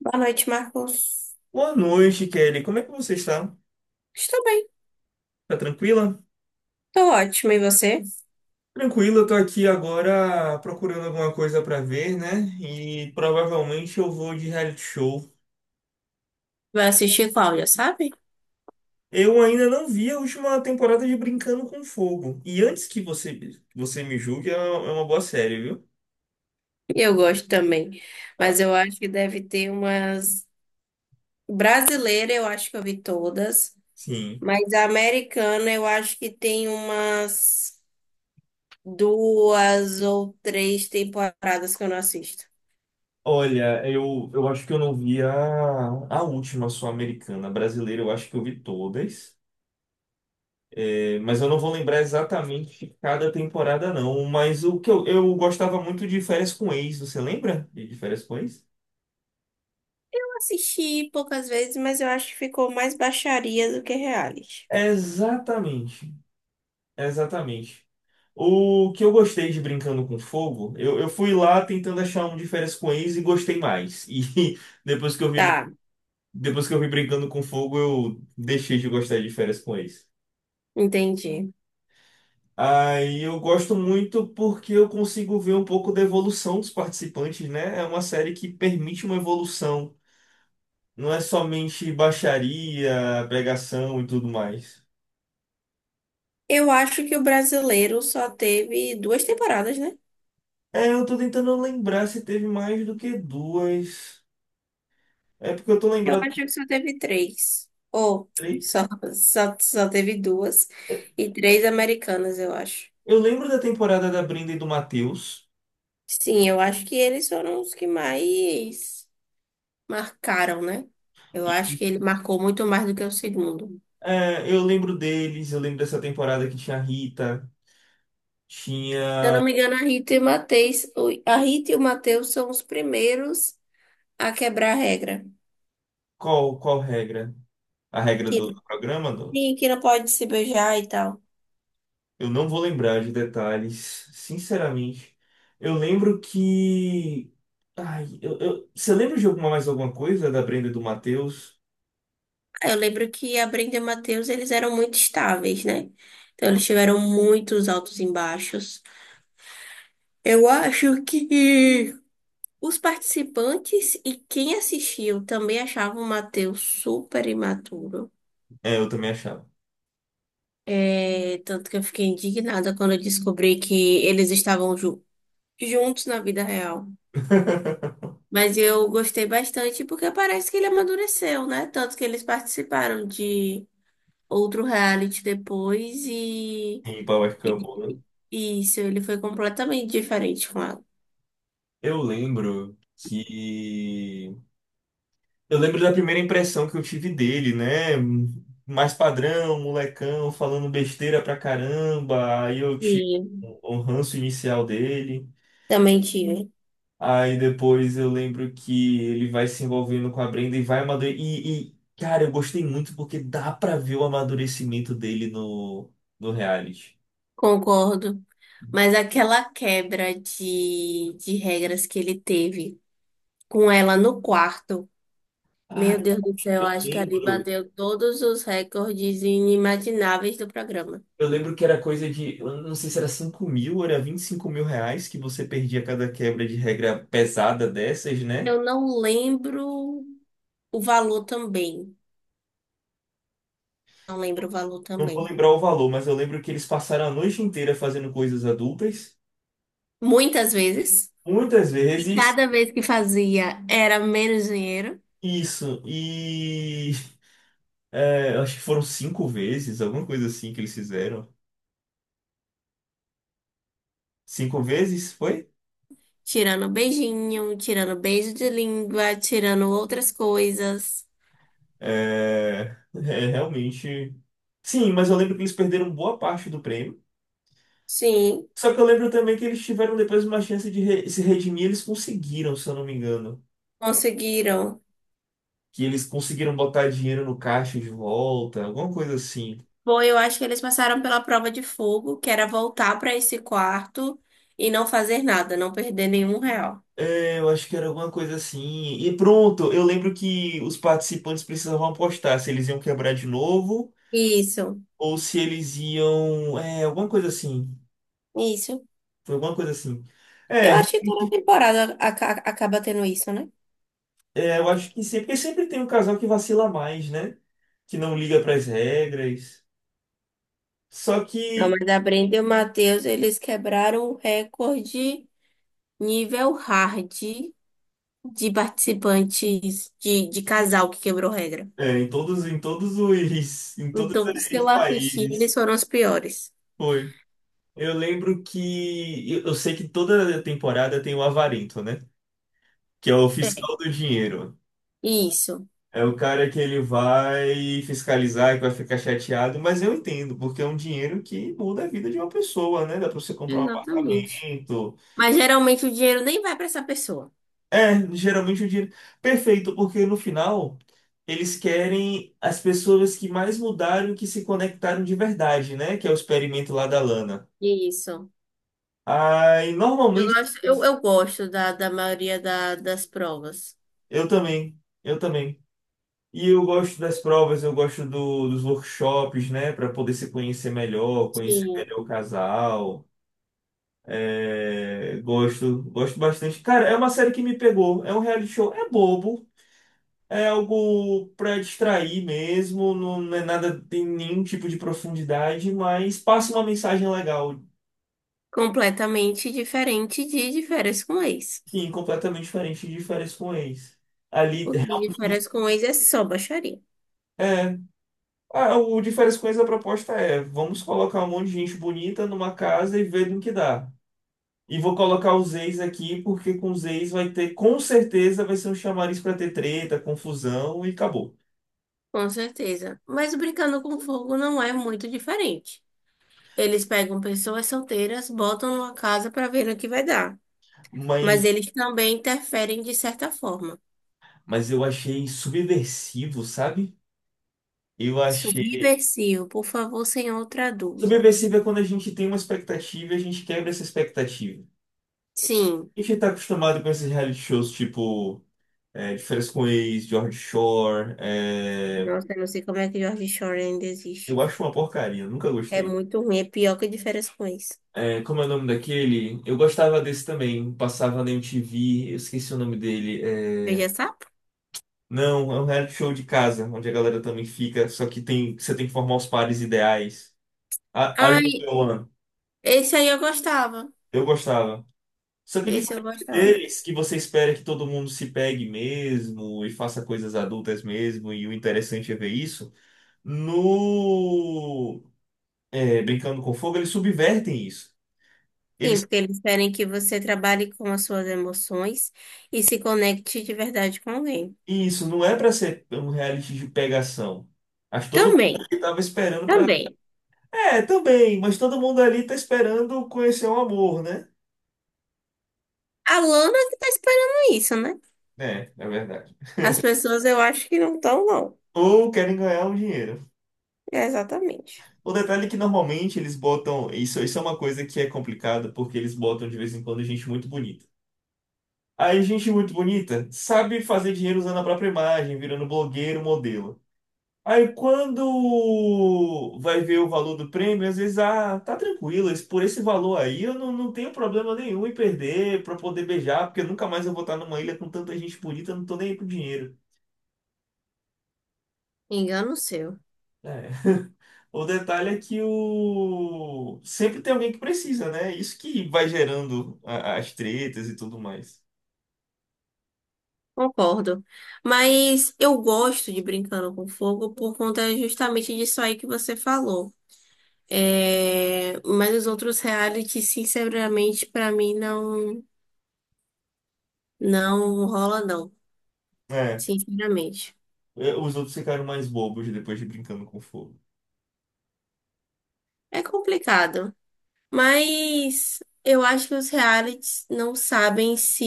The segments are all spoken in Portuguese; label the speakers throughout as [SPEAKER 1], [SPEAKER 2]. [SPEAKER 1] Boa noite, Marcos.
[SPEAKER 2] Boa noite, Kelly. Como é que você está?
[SPEAKER 1] Estou bem,
[SPEAKER 2] Tá tranquila?
[SPEAKER 1] estou ótima. E você?
[SPEAKER 2] Tranquila, eu tô aqui agora procurando alguma coisa pra ver, né? E provavelmente eu vou de reality show.
[SPEAKER 1] Vai assistir qual, já sabe?
[SPEAKER 2] Eu ainda não vi a última temporada de Brincando com Fogo. E você me julgue, é uma boa série, viu?
[SPEAKER 1] Eu gosto também.
[SPEAKER 2] Ah.
[SPEAKER 1] Mas eu acho que deve ter umas. Brasileira, eu acho que eu vi todas.
[SPEAKER 2] Sim.
[SPEAKER 1] Mas a americana, eu acho que tem umas duas ou três temporadas que eu não assisto.
[SPEAKER 2] Olha, eu acho que eu não vi a última, só americana. A brasileira, eu acho que eu vi todas. É, mas eu não vou lembrar exatamente cada temporada, não. Mas o que eu gostava muito de Férias com Ex, você lembra de Férias com Ex?
[SPEAKER 1] Eu assisti poucas vezes, mas eu acho que ficou mais baixaria do que reality.
[SPEAKER 2] Exatamente, exatamente. O que eu gostei de Brincando com Fogo, eu fui lá tentando achar um de Férias com Ex e gostei mais. E depois que eu vi,
[SPEAKER 1] Tá,
[SPEAKER 2] depois que eu vi Brincando com Fogo, eu deixei de gostar de Férias com Ex.
[SPEAKER 1] entendi.
[SPEAKER 2] Aí eu gosto muito porque eu consigo ver um pouco da evolução dos participantes, né? É uma série que permite uma evolução. Não é somente baixaria, pregação e tudo mais.
[SPEAKER 1] Eu acho que o brasileiro só teve duas temporadas, né?
[SPEAKER 2] É, eu tô tentando lembrar se teve mais do que duas. É porque eu tô
[SPEAKER 1] Eu
[SPEAKER 2] lembrado
[SPEAKER 1] acho
[SPEAKER 2] de
[SPEAKER 1] que só teve três. Ou
[SPEAKER 2] três.
[SPEAKER 1] só, só, só teve duas. E três americanas, eu acho.
[SPEAKER 2] Eu lembro da temporada da Brenda e do Matheus.
[SPEAKER 1] Sim, eu acho que eles foram os que mais marcaram, né? Eu
[SPEAKER 2] E
[SPEAKER 1] acho que ele marcou muito mais do que o segundo.
[SPEAKER 2] é, eu lembro deles, eu lembro dessa temporada que tinha a Rita,
[SPEAKER 1] Se eu
[SPEAKER 2] tinha.
[SPEAKER 1] não me engano, a Rita e o Matheus, a Rita e o Matheus são os primeiros a quebrar a regra.
[SPEAKER 2] Qual, qual regra? A regra
[SPEAKER 1] Que,
[SPEAKER 2] do programa?
[SPEAKER 1] sim, que não pode se beijar e tal.
[SPEAKER 2] Eu não vou lembrar de detalhes, sinceramente. Eu lembro que. Ai, você lembra de alguma mais alguma coisa da Brenda e do Matheus?
[SPEAKER 1] Eu lembro que a Brenda e o Matheus, eles eram muito estáveis, né? Então, eles tiveram muitos altos e baixos. Eu acho que os participantes e quem assistiu também achavam o Matheus super imaturo.
[SPEAKER 2] É, eu também achava.
[SPEAKER 1] É, tanto que eu fiquei indignada quando eu descobri que eles estavam juntos na vida real. Mas eu gostei bastante porque parece que ele amadureceu, né? Tanto que eles participaram de outro reality depois
[SPEAKER 2] Em Power Couple, né?
[SPEAKER 1] e isso, ele foi completamente diferente com ela.
[SPEAKER 2] Eu lembro que. Eu lembro da primeira impressão que eu tive dele, né? Mais padrão, molecão, falando besteira pra caramba. Aí eu tive
[SPEAKER 1] Sim,
[SPEAKER 2] o ranço inicial dele.
[SPEAKER 1] também tive.
[SPEAKER 2] Aí depois eu lembro que ele vai se envolvendo com a Brenda e vai amadurecer. Cara, eu gostei muito porque dá pra ver o amadurecimento dele no reality.
[SPEAKER 1] Concordo. Mas aquela quebra de regras que ele teve com ela no quarto, meu
[SPEAKER 2] Ah,
[SPEAKER 1] Deus
[SPEAKER 2] o
[SPEAKER 1] do
[SPEAKER 2] que que
[SPEAKER 1] céu,
[SPEAKER 2] eu
[SPEAKER 1] acho que ali
[SPEAKER 2] lembro.
[SPEAKER 1] bateu todos os recordes inimagináveis do programa.
[SPEAKER 2] Eu lembro que era coisa de, eu não sei se era 5 mil ou era 25 mil reais que você perdia cada quebra de regra pesada dessas, né?
[SPEAKER 1] Eu não lembro o valor também. Não lembro o valor
[SPEAKER 2] Não vou
[SPEAKER 1] também.
[SPEAKER 2] lembrar o valor, mas eu lembro que eles passaram a noite inteira fazendo coisas adultas,
[SPEAKER 1] Muitas vezes.
[SPEAKER 2] muitas
[SPEAKER 1] E
[SPEAKER 2] vezes.
[SPEAKER 1] cada vez que fazia era menos dinheiro,
[SPEAKER 2] Isso, e é, eu acho que foram cinco vezes, alguma coisa assim que eles fizeram. Cinco vezes, foi?
[SPEAKER 1] tirando beijinho, tirando beijo de língua, tirando outras coisas.
[SPEAKER 2] É, é, realmente. Sim, mas eu lembro que eles perderam boa parte do prêmio.
[SPEAKER 1] Sim,
[SPEAKER 2] Só que eu lembro também que eles tiveram depois uma chance de se redimir, eles conseguiram, se eu não me engano.
[SPEAKER 1] conseguiram.
[SPEAKER 2] Que eles conseguiram botar dinheiro no caixa de volta, alguma coisa assim.
[SPEAKER 1] Foi, eu acho que eles passaram pela prova de fogo, que era voltar para esse quarto e não fazer nada, não perder nenhum real.
[SPEAKER 2] É, eu acho que era alguma coisa assim. E pronto, eu lembro que os participantes precisavam apostar se eles iam quebrar de novo
[SPEAKER 1] Isso,
[SPEAKER 2] ou se eles iam. É, alguma coisa assim.
[SPEAKER 1] isso.
[SPEAKER 2] Foi alguma coisa assim.
[SPEAKER 1] Eu
[SPEAKER 2] É,
[SPEAKER 1] acho que toda temporada acaba tendo isso, né?
[SPEAKER 2] é, eu acho que sempre, porque sempre tem um casal que vacila mais, né? Que não liga para as regras. Só
[SPEAKER 1] Não,
[SPEAKER 2] que
[SPEAKER 1] mas a Brenda e o Matheus, eles quebraram o recorde nível hard de participantes de casal que quebrou regra.
[SPEAKER 2] é, em todos os, em todos
[SPEAKER 1] Então, os que
[SPEAKER 2] os
[SPEAKER 1] eu assisti, eles
[SPEAKER 2] países.
[SPEAKER 1] foram os piores.
[SPEAKER 2] Foi. Eu lembro que eu sei que toda temporada tem o avarento, né? Que é o
[SPEAKER 1] É.
[SPEAKER 2] fiscal do dinheiro.
[SPEAKER 1] Isso,
[SPEAKER 2] É o cara que ele vai fiscalizar, que vai ficar chateado, mas eu entendo, porque é um dinheiro que muda a vida de uma pessoa, né? Dá pra você comprar um
[SPEAKER 1] exatamente.
[SPEAKER 2] apartamento.
[SPEAKER 1] Mas geralmente o dinheiro nem vai para essa pessoa.
[SPEAKER 2] É, geralmente é o dinheiro. Perfeito, porque no final eles querem as pessoas que mais mudaram e que se conectaram de verdade, né? Que é o experimento lá da Lana.
[SPEAKER 1] Isso.
[SPEAKER 2] Aí,
[SPEAKER 1] Eu
[SPEAKER 2] normalmente,
[SPEAKER 1] gosto, eu gosto da maioria das provas.
[SPEAKER 2] eu também. Eu também. E eu gosto das provas, eu gosto dos workshops, né? Para poder se conhecer melhor, conhecer
[SPEAKER 1] Sim.
[SPEAKER 2] melhor o casal. É, gosto, gosto bastante. Cara, é uma série que me pegou. É um reality show. É bobo. É algo para distrair mesmo, não é nada, tem nenhum tipo de profundidade, mas passa uma mensagem legal.
[SPEAKER 1] Completamente diferente de férias com ex.
[SPEAKER 2] Sim, completamente diferente de Férias com Ex. Ali,
[SPEAKER 1] Porque de
[SPEAKER 2] realmente,
[SPEAKER 1] férias com ex é só baixaria.
[SPEAKER 2] é. Ah, o de Férias com Ex, a proposta é: vamos colocar um monte de gente bonita numa casa e ver no que dá. E vou colocar os ex aqui, porque com os ex vai ter, com certeza, vai ser um chamariz para ter treta, confusão e acabou.
[SPEAKER 1] Com certeza. Mas brincando com fogo não é muito diferente. Eles pegam pessoas solteiras, botam numa casa para ver no que vai dar. Mas
[SPEAKER 2] Mas,
[SPEAKER 1] eles também interferem de certa forma.
[SPEAKER 2] mas eu achei subversivo, sabe? Eu achei.
[SPEAKER 1] Subversivo, por favor, senhor, traduza.
[SPEAKER 2] Subversível é quando a gente tem uma expectativa e a gente quebra essa expectativa.
[SPEAKER 1] Sim.
[SPEAKER 2] A gente tá acostumado com esses reality shows tipo De Férias com Ex, George Shore. É,
[SPEAKER 1] Nossa, eu não sei como é que George Shore ainda
[SPEAKER 2] eu
[SPEAKER 1] existe.
[SPEAKER 2] acho uma porcaria, nunca
[SPEAKER 1] É
[SPEAKER 2] gostei.
[SPEAKER 1] muito ruim, é pior que de férias com ex.
[SPEAKER 2] É, como é o nome daquele? Eu gostava desse também, passava na MTV, eu esqueci o nome dele. É,
[SPEAKER 1] Veja sapo.
[SPEAKER 2] não, é um reality show de casa, onde a galera também fica, só que tem, você tem que formar os pares ideais. A Are You the
[SPEAKER 1] Ai,
[SPEAKER 2] One?
[SPEAKER 1] esse aí eu gostava.
[SPEAKER 2] Eu gostava. Só que é
[SPEAKER 1] Esse eu
[SPEAKER 2] diferente
[SPEAKER 1] gostava.
[SPEAKER 2] deles, que você espera que todo mundo se pegue mesmo e faça coisas adultas mesmo, e o interessante é ver isso, no é, Brincando com Fogo, eles subvertem isso.
[SPEAKER 1] Sim,
[SPEAKER 2] Eles,
[SPEAKER 1] porque eles querem que você trabalhe com as suas emoções e se conecte de verdade com alguém.
[SPEAKER 2] e isso não é pra ser um reality de pegação. Acho que todo mundo
[SPEAKER 1] Também,
[SPEAKER 2] ali tava esperando pra.
[SPEAKER 1] também.
[SPEAKER 2] É, também, mas todo mundo ali tá esperando conhecer o amor, né?
[SPEAKER 1] A Lana que tá esperando isso, né?
[SPEAKER 2] É, é verdade.
[SPEAKER 1] As pessoas eu acho que não estão, não.
[SPEAKER 2] Ou querem ganhar um dinheiro.
[SPEAKER 1] É, exatamente.
[SPEAKER 2] O detalhe é que normalmente eles botam. Isso é uma coisa que é complicada, porque eles botam de vez em quando gente muito bonita. Aí, gente muito bonita sabe fazer dinheiro usando a própria imagem, virando blogueiro, modelo. Aí, quando vai ver o valor do prêmio, às vezes, ah, tá tranquilo, esse- por esse valor aí eu não tenho problema nenhum em perder pra poder beijar, porque nunca mais eu vou estar numa ilha com tanta gente bonita, eu não tô nem aí pro dinheiro.
[SPEAKER 1] Engano seu.
[SPEAKER 2] É. O detalhe é que o... sempre tem alguém que precisa, né? Isso que vai gerando as tretas e tudo mais.
[SPEAKER 1] Concordo. Mas eu gosto de Brincando com Fogo por conta justamente disso aí que você falou. É, mas os outros reality, sinceramente, pra mim não não rola não,
[SPEAKER 2] É,
[SPEAKER 1] sinceramente.
[SPEAKER 2] é, os outros ficaram mais bobos depois de Brincando com Fogo.
[SPEAKER 1] É complicado, mas eu acho que os realities não sabem se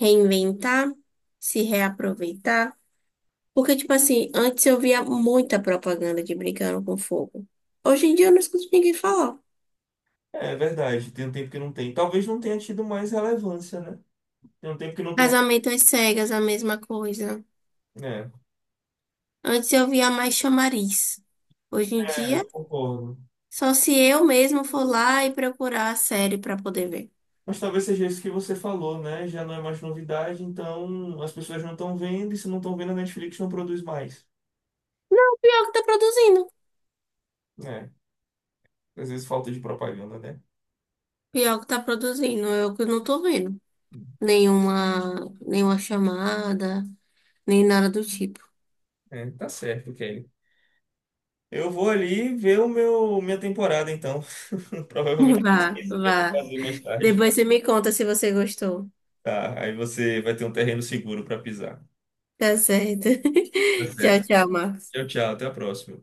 [SPEAKER 1] reinventar, se reaproveitar, porque tipo assim, antes eu via muita propaganda de Brincando com Fogo. Hoje em dia eu não escuto ninguém falar.
[SPEAKER 2] É, é verdade, tem um tempo que não tem. Talvez não tenha tido mais relevância, né? Tem um tempo que não tem.
[SPEAKER 1] Casamento às cegas, a mesma coisa.
[SPEAKER 2] É,
[SPEAKER 1] Antes eu via mais chamariz. Hoje em
[SPEAKER 2] é,
[SPEAKER 1] dia
[SPEAKER 2] concordo.
[SPEAKER 1] só se eu mesmo for lá e procurar a série pra poder ver.
[SPEAKER 2] Mas talvez seja isso que você falou, né? Já não é mais novidade, então as pessoas não estão vendo, e se não estão vendo, a Netflix não produz mais.
[SPEAKER 1] O pior que tá produzindo.
[SPEAKER 2] É, às vezes falta de propaganda, né?
[SPEAKER 1] Pior que tá produzindo, eu que não tô vendo. Nenhuma chamada, nem nada do tipo.
[SPEAKER 2] É, tá certo, Kelly. Eu vou ali ver o meu minha temporada, então. Provavelmente vai ser
[SPEAKER 1] Vá,
[SPEAKER 2] isso que eu vou
[SPEAKER 1] vá.
[SPEAKER 2] fazer mais tarde.
[SPEAKER 1] Depois você me conta se você gostou.
[SPEAKER 2] Tá, aí você vai ter um terreno seguro para pisar.
[SPEAKER 1] Tá certo.
[SPEAKER 2] Tá
[SPEAKER 1] Tchau,
[SPEAKER 2] certo.
[SPEAKER 1] tchau, Marcos.
[SPEAKER 2] Tchau, tchau. Até a próxima.